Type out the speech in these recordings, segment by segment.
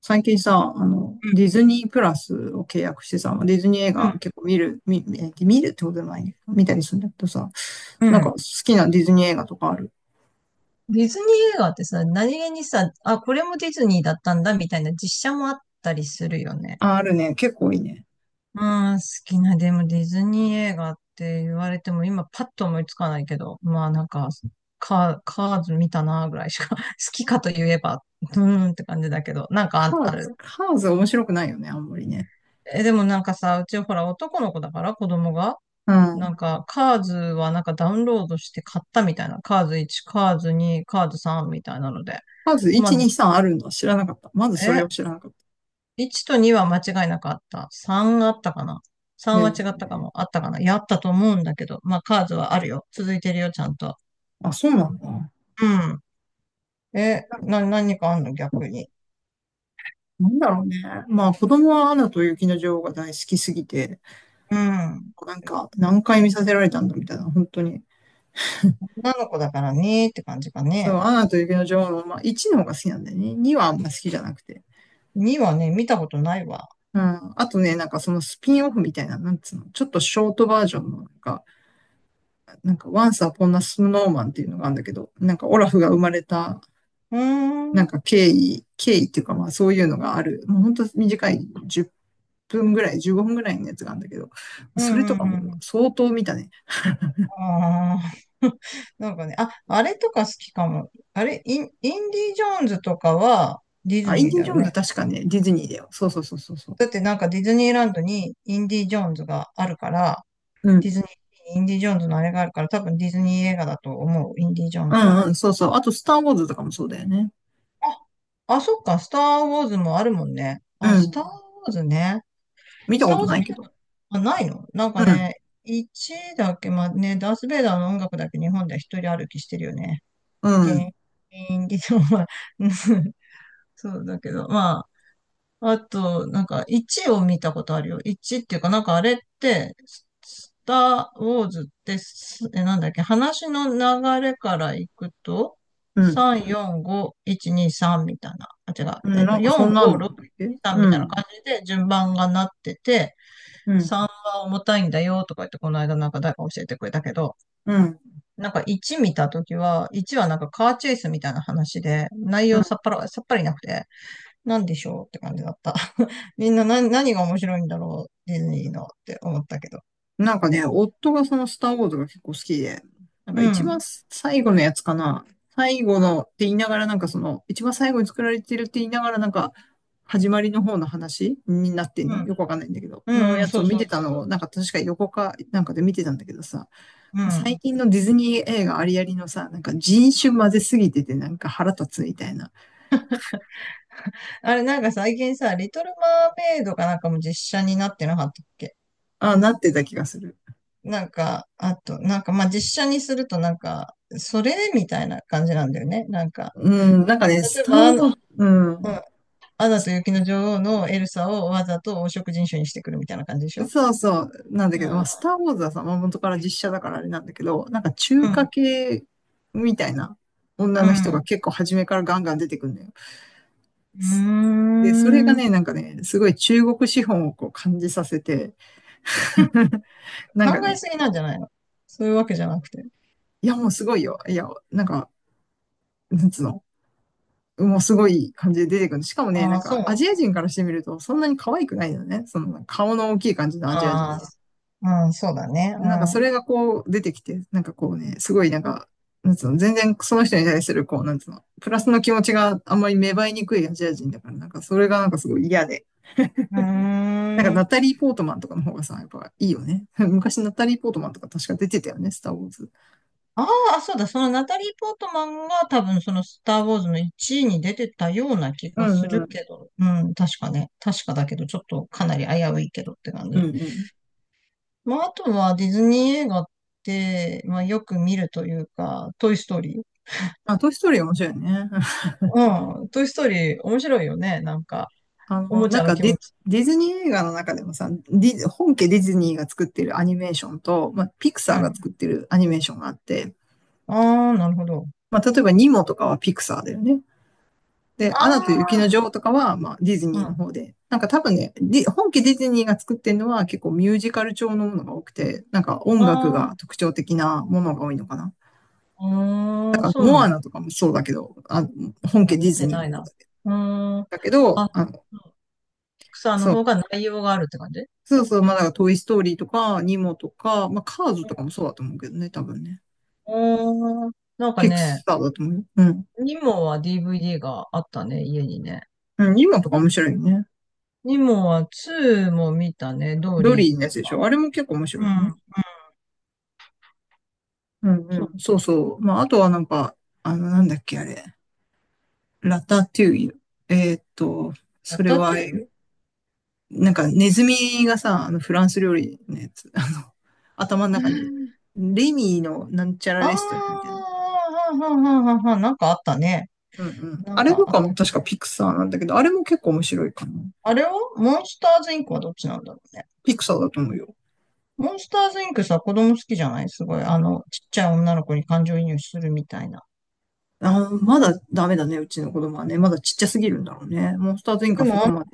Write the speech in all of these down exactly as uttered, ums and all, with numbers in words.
最近さ、あの、ディうズニープラスを契約してさ、ディズニー映画ん、結構見る、見、見見るってことでもないね。見たりするんだけどさ、うなんかん、好きなディズニー映画とかある？ディズニー映画ってさ、何気にさ、あ、これもディズニーだったんだみたいな実写もあったりするよね。あ、あるね。結構いいね。まあ、好きな、でもディズニー映画って言われても今パッと思いつかないけど、まあなんか、カー、カーズ見たなぐらいしか、好きかと言えば、うーんって感じだけど、なんかカあ、ーあズ、る。カーズ面白くないよね、あんまりね。え、でもなんかさ、うちほら男の子だから子供が、うなん。んかカーズはなんかダウンロードして買ったみたいな、カーズワン、カーズツー、カーズスリーみたいなので、カーズまあいち、に、さんあるのは知らなかった。まずそれえ、を知らなかっいちとには間違いなかった。さんあったかな？ た。え さん は違っえ。たかも。あったかな、やったと思うんだけど。まあ、カーズはあるよ。続いてるよ、ちゃんと。あ、そうなんだ。うん。え、なんかな、何かあんの逆に。なんだろうね。まあ子供はアナと雪の女王が大好きすぎて、うん。なんか何回見させられたんだみたいな、本当に。女の子だからねーって感じかそう、ね。アナと雪の女王の、まあ、いちの方が好きなんだよね。にはあんま好きじゃなくて。にはね、見たことないわ。うん。あとね、なんかそのスピンオフみたいな、なんつうの、ちょっとショートバージョンの、なんか、なんか、Once Upon a Snowman っていうのがあるんだけど、なんかオラフが生まれた、うーん。うなんんか経緯、経緯っていうかまあそういうのがある。もう本当短いじゅっぷんぐらい、じゅうごふんぐらいのやつがあるんだけど、うそれんとかもうん。相当見たね。ああ。なんかね、あ、あれとか好きかも。あれ、イン、インディ・ジョーンズとかはディあ、ズインニーデだィ・ジよョーンズね。確かね、ディズニーだよ。そうそうそうそうそだってなんかディズニーランドにインディ・ジョーンズがあるから、う。うディん。ズニー、インディ・ジョーンズのあれがあるから、多分ディズニー映画だと思う、インディ・ジョーンうズは。んうん、そうそう。あと、スター・ウォーズとかもそうだよね。あ、あ、そっか、スター・ウォーズもあるもんね。うあ、スタん。ー・ウォーズね。見スたタこー・ウォとーなズい見けたこど。とあないのなんうかん、ね、ワンだっけ、まあね、ダース・ベイダーの音楽だけ日本では一 うん、あと、なんか、ワンを見たことあるよ。ワンっていうか、なんかあれって、ススター・ウォーズってす、え、なんだっけ、話の流れからいくと、うん、さん、よん、ご、いち、に、さんみたいな。あ、違う。うえん。っと、なんかそよん、んなご、んなんろく、だっけ。さんみうたいなん、感じで順番がなってて、うあ、ん、重たいんだよとか言って、この間なんか誰か教えてくれたけど、うん、なんかワン見たときは、ワンはなんかカーチェイスみたいな話で、内うん。容さっぱら、さっぱりなくて、なんでしょうって感じだった。みんな何、何が面白いんだろう、ディズニーのって思ったけど。なんかね、夫がそのスターウォーズが結構好きで、なんかう一番ん。最後のやつかな。最後のって言いながらなんかその、一番最後に作られてるって言いながらなんか、始まりの方の話になってんうのん。よくわかんないんだけど。うのんうん、やつそをう見そうてそたうそのうを、なんそか確か横かなんかで見てたんだけどさ、う。う最ん。近のディズニー映画ありありのさ、なんか人種混ぜすぎててなんか腹立つみたいな、あれ、なんか最近さ、リトルマーメイドかなんかも実写になってなかったっけ、ああ、なってた気がする。なんか、あと、なんか、まあ、実写にするとなんか、それみたいな感じなんだよね。なんか、うん、なんかね、例スえターば、あウォの、ーズ、ううん、ん。アナと雪の女王のエルサをわざと黄色人種にしてくるみたいな感じでしょ、そうそう、なんだうけど、まあ、ん。スターウォーズはさ、まあ、元から実写だからあれなんだけど、なんか中う華ん。系みたいな女うの人がん。結構初めからガンガン出てくるんだよ。すうで、それがーね、なん、んかね、すごい中国資本をこう感じさせて、なんか考えね、すぎなんじゃないの、そういうわけじゃなくて。いやもうすごいよ。いや、なんか、なんつうの。もうすごい感じで出てくる。しかもね、あなんあ、そかうなアんジアだ。人からしてみるとそんなに可愛くないよね。その顔の大きい感じのアジア人。ああ、うん、そうだね。なんかそれがこう出てきて、なんかこうね、すごいなんか、なんつうの、全然その人に対するこう、なんつうの、プラスの気持ちがあんまり芽生えにくいアジア人だから、なんかそれがなんかすごい嫌で。うなんかん。うーナタん。リー・ポートマンとかの方がさ、やっぱいいよね。昔ナタリー・ポートマンとか確か出てたよね、スター・ウォーズ。ああ、そうだ。そのナタリー・ポートマンが多分そのスター・ウォーズのいちいに出てたような気うがすんるうん。けど。うん、確かね。確かだけど、ちょっとかなり危ういけどって感うんじ。うん。まあ、あとはディズニー映画って、まあ、よく見るというか、トイ・ストーリー。あ、トイ・ストーリー面白いね。うん、トイ・ストーリー面白いよね。なんか、あおの、もちなんゃのか気持デ、ち。ディズニー映画の中でもさ、ディズ本家ディズニーが作ってるアニメーションと、まあ、ピクうサーがん。作ってるアニメーションがあって、ああ、なるほど。まあ、例えばニモとかはピクサーだよね。で、アナと雪のあ女王とかは、まあ、ディズうん。ニーのあ方で。なんか多分ね、ディ本家ディズニーが作ってるのは結構ミュージカル調のものが多くて、なんか音楽あ、が特徴的なものが多いのかな。うーん、そうなモんアナとかもそうだけど、あ本だ。家デ見ィズてニーなのい方な。うーん。だけど、あ、あの、ピクサーのそう。方が内容があるって感じ、そうそう、まあ、だからトイ・ストーリーとか、ニモとか、まあ、カーズとかもそうだと思うけどね、多分ね。うん。うーん。なんかピクね、サーだと思うよ。うん。ニモは ディーブイディー があったね、家にね。うん、ニモとか面白いよね。ニモはツーも見たね、ドードリーリーのやつとでしか。ょ。あれも結構面白ういよね。ん。うんうそう。ん。そうそう。まあ、あとはなんか、あの、なんだっけ、あれ。ラタトゥイユ。えーっと、やそっれたっては、える、なんかネズミがさ、あのフランス料理のやつ、あの、頭の中に、レミーのなんちゃらあレストランみたいな。あー、はんはんはんはんはん、なんかあったね。うんうん。なんあれかとあっかた。も確かピクサーなんだけど、あれも結構面白いかな。あれは、モンスターズインクはどっちなんだろうね。ピクサーだと思うよ。モンスターズインクさ、子供好きじゃないすごい。あの、ちっちゃい女の子に感情移入するみたいな。あー、まだダメだね、うちの子供はね。まだちっちゃすぎるんだろうね。モンスターズインでかそもこあまの、で。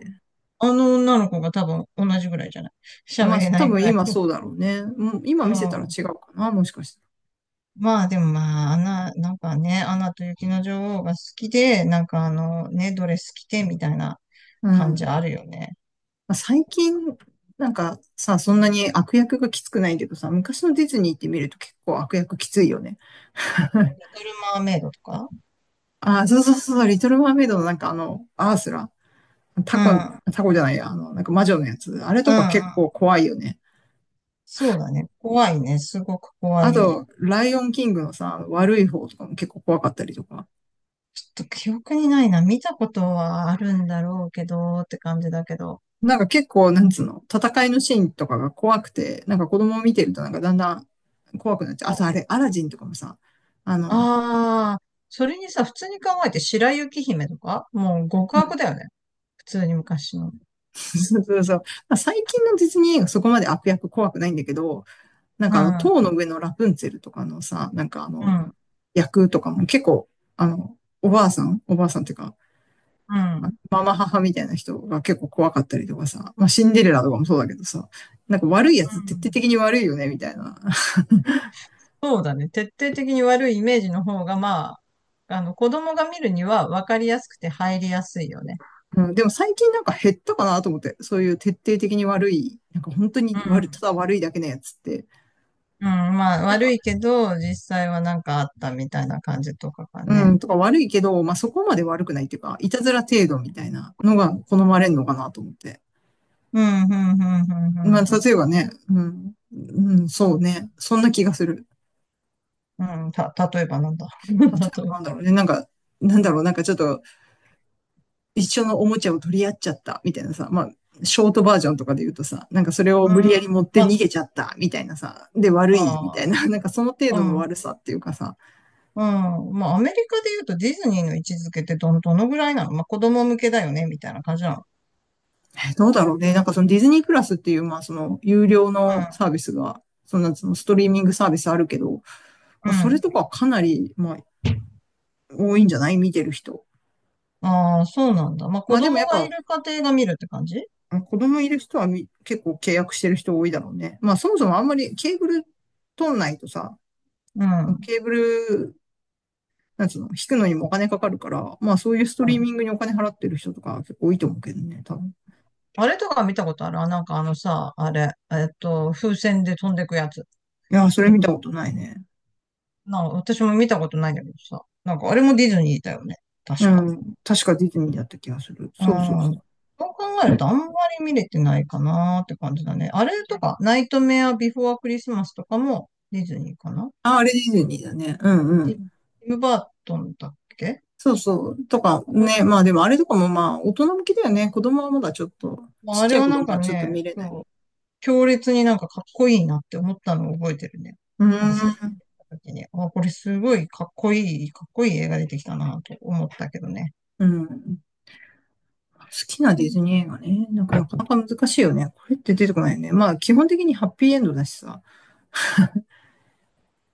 あの女の子が多分同じぐらいじゃない、喋まあ、れな多いぐ分らい今の。そうだろうね。もうう今見せたらん。違うかな、もしかして。まあでもまあ、アナ、なんかね、アナと雪の女王が好きで、なんかあの、ね、ドレス着てみたいなう感じん。あるよね。まあ最近、なんかさ、そんなに悪役がきつくないけどさ、昔のディズニーって見ると結構悪役きついよね。リトルマーメイドとか、あそうそうそう、リトルマーメイドのなんかあの、アースラ、うタコ、ん。タコじゃないや、あの、なんか魔女のやつ、あれうとんうか結ん。構怖いよね。そうだね。怖いね。すごく怖あい。と、ライオンキングのさ、悪い方とかも結構怖かったりとか。ちょっと記憶にないな。見たことはあるんだろうけど、って感じだけど。なんか結構、なんつうの、戦いのシーンとかが怖くて、なんか子供を見てるとなんかだんだん怖くなっちゃう。あとあれ、アラジンとかもさ、あの、ああ、それにさ、普通に考えて白雪姫とか、もう極うん悪だよね。普通に昔の。そうそうそう。まあ最近のディズニー映画そこまで悪役怖くないんだけど、なんうん、かあの、うん、塔の上のラプンツェルとかのさ、なんかあの、役とかも結構、あの、おばあさんおばあさんっていうか、うん、うん。ママ母みたいな人が結構怖かったりとかさ、まあシンデレラとかもそうだけどさ、なんか悪いやつ徹底的に悪いよね、みたいな。そうだね。徹底的に悪いイメージの方が、まあ、あの、子供が見るには分かりやすくて入りやすいよね。うん、でも最近なんか減ったかなと思って、そういう徹底的に悪い、なんか本当うに悪い、たん、だ悪いだけのやつって、うん、まあ、なん悪かいけど、実際はなんかあったみたいな感じとかがうね。ん、とか悪いけど、まあ、そこまで悪くないっていうか、いたずら程度みたいなのが好まれるのかなと思って。うん、うん、うん、うん、まあ、うん、う例えばね、うん、うん、そうね、そんな気がする。ん。うんた、例えばなんだ。例 え例ばえなんだろうね、なんか、なんだろう、なんかちょっと一緒のおもちゃを取り合っちゃったみたいなさ、まあ、ショートバージョンとかで言うとさ、なんかそれをば。う無ん、理やり持ってまあ、逃げちゃったみたいなさ、で悪いみたあいな、なんかその程ーう度のん。悪さっていうかさ、うん。まあ、アメリカで言うとディズニーの位置づけってど、どのぐらいなの、まあ、子供向けだよね、みたいな感じなの。えどうだろうね、なんかそのディズニープラスっていう、まあその有料のサービスが、そのそのストリーミングサービスあるけど、うまあ、ん。うそれとん。かはかなり、まあ、多いんじゃない見てる人。ああ、そうなんだ。まあ、子まあでも供やっがいぱ、る家庭が見るって感じ、子供いる人はみ結構契約してる人多いだろうね。まあそもそもあんまりケーブル取んないとさ、うん。うん、ケーブル、なんつうの、引くのにもお金かかるから、まあそういうストリーミングにお金払ってる人とか結構多いと思うけどね、多分。いあれとか見たことあるあ、なんかあのさ、あれ、えっと、風船で飛んでくやつ。やー、そお、れ見たことないね。なんか私も見たことないんだけどさ。なんかあれもディズニーだよね。う確か。ん。確かディズニーだった気がする。うそうそうそん。う。そう考えるとあんまり見れてないかなーって感じだね。あれとか、ナイトメアビフォアクリスマスとかもディズニーかな、あ、あれディズニーだね。うんうティんム・バートンだっけ、そうそう。とかあれね。まあでもあれとかもまあ大人向きだよね。子供はまだちょっと、まちあ、っあちれゃいは子な供んかはちょっとね、見れない。そう、強烈になんかかっこいいなって思ったのを覚えてるね。うーなんか最初ん。見た時に、あ、これすごいかっこいい、かっこいい映画出てきたなと思ったけどね。うん。好きなディズニー映画ね。なんかなかなか難しいよね。これって出てこないよね。まあ基本的にハッピーエンドだしさ。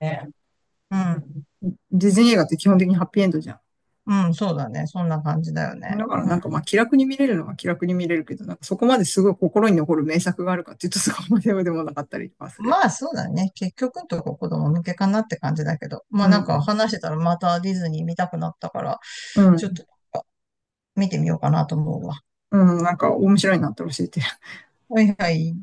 ね。うん。ディズニー映画って基本的にハッピーエンドじゃうん、そうだね。そんな感じだよね。ん。だからうなんかまん。あ気楽に見れるのは気楽に見れるけど、なんかそこまですごい心に残る名作があるかっていうとそこまででもなかったりとかするよまあね。そうだね。結局のとこ子供向けかなって感じだけど。まうあなんかん。話してたらまたディズニー見たくなったから、うちょっん。となんか見てみようかなと思うわ。うん。なんか面白いなって教えて。はいはい。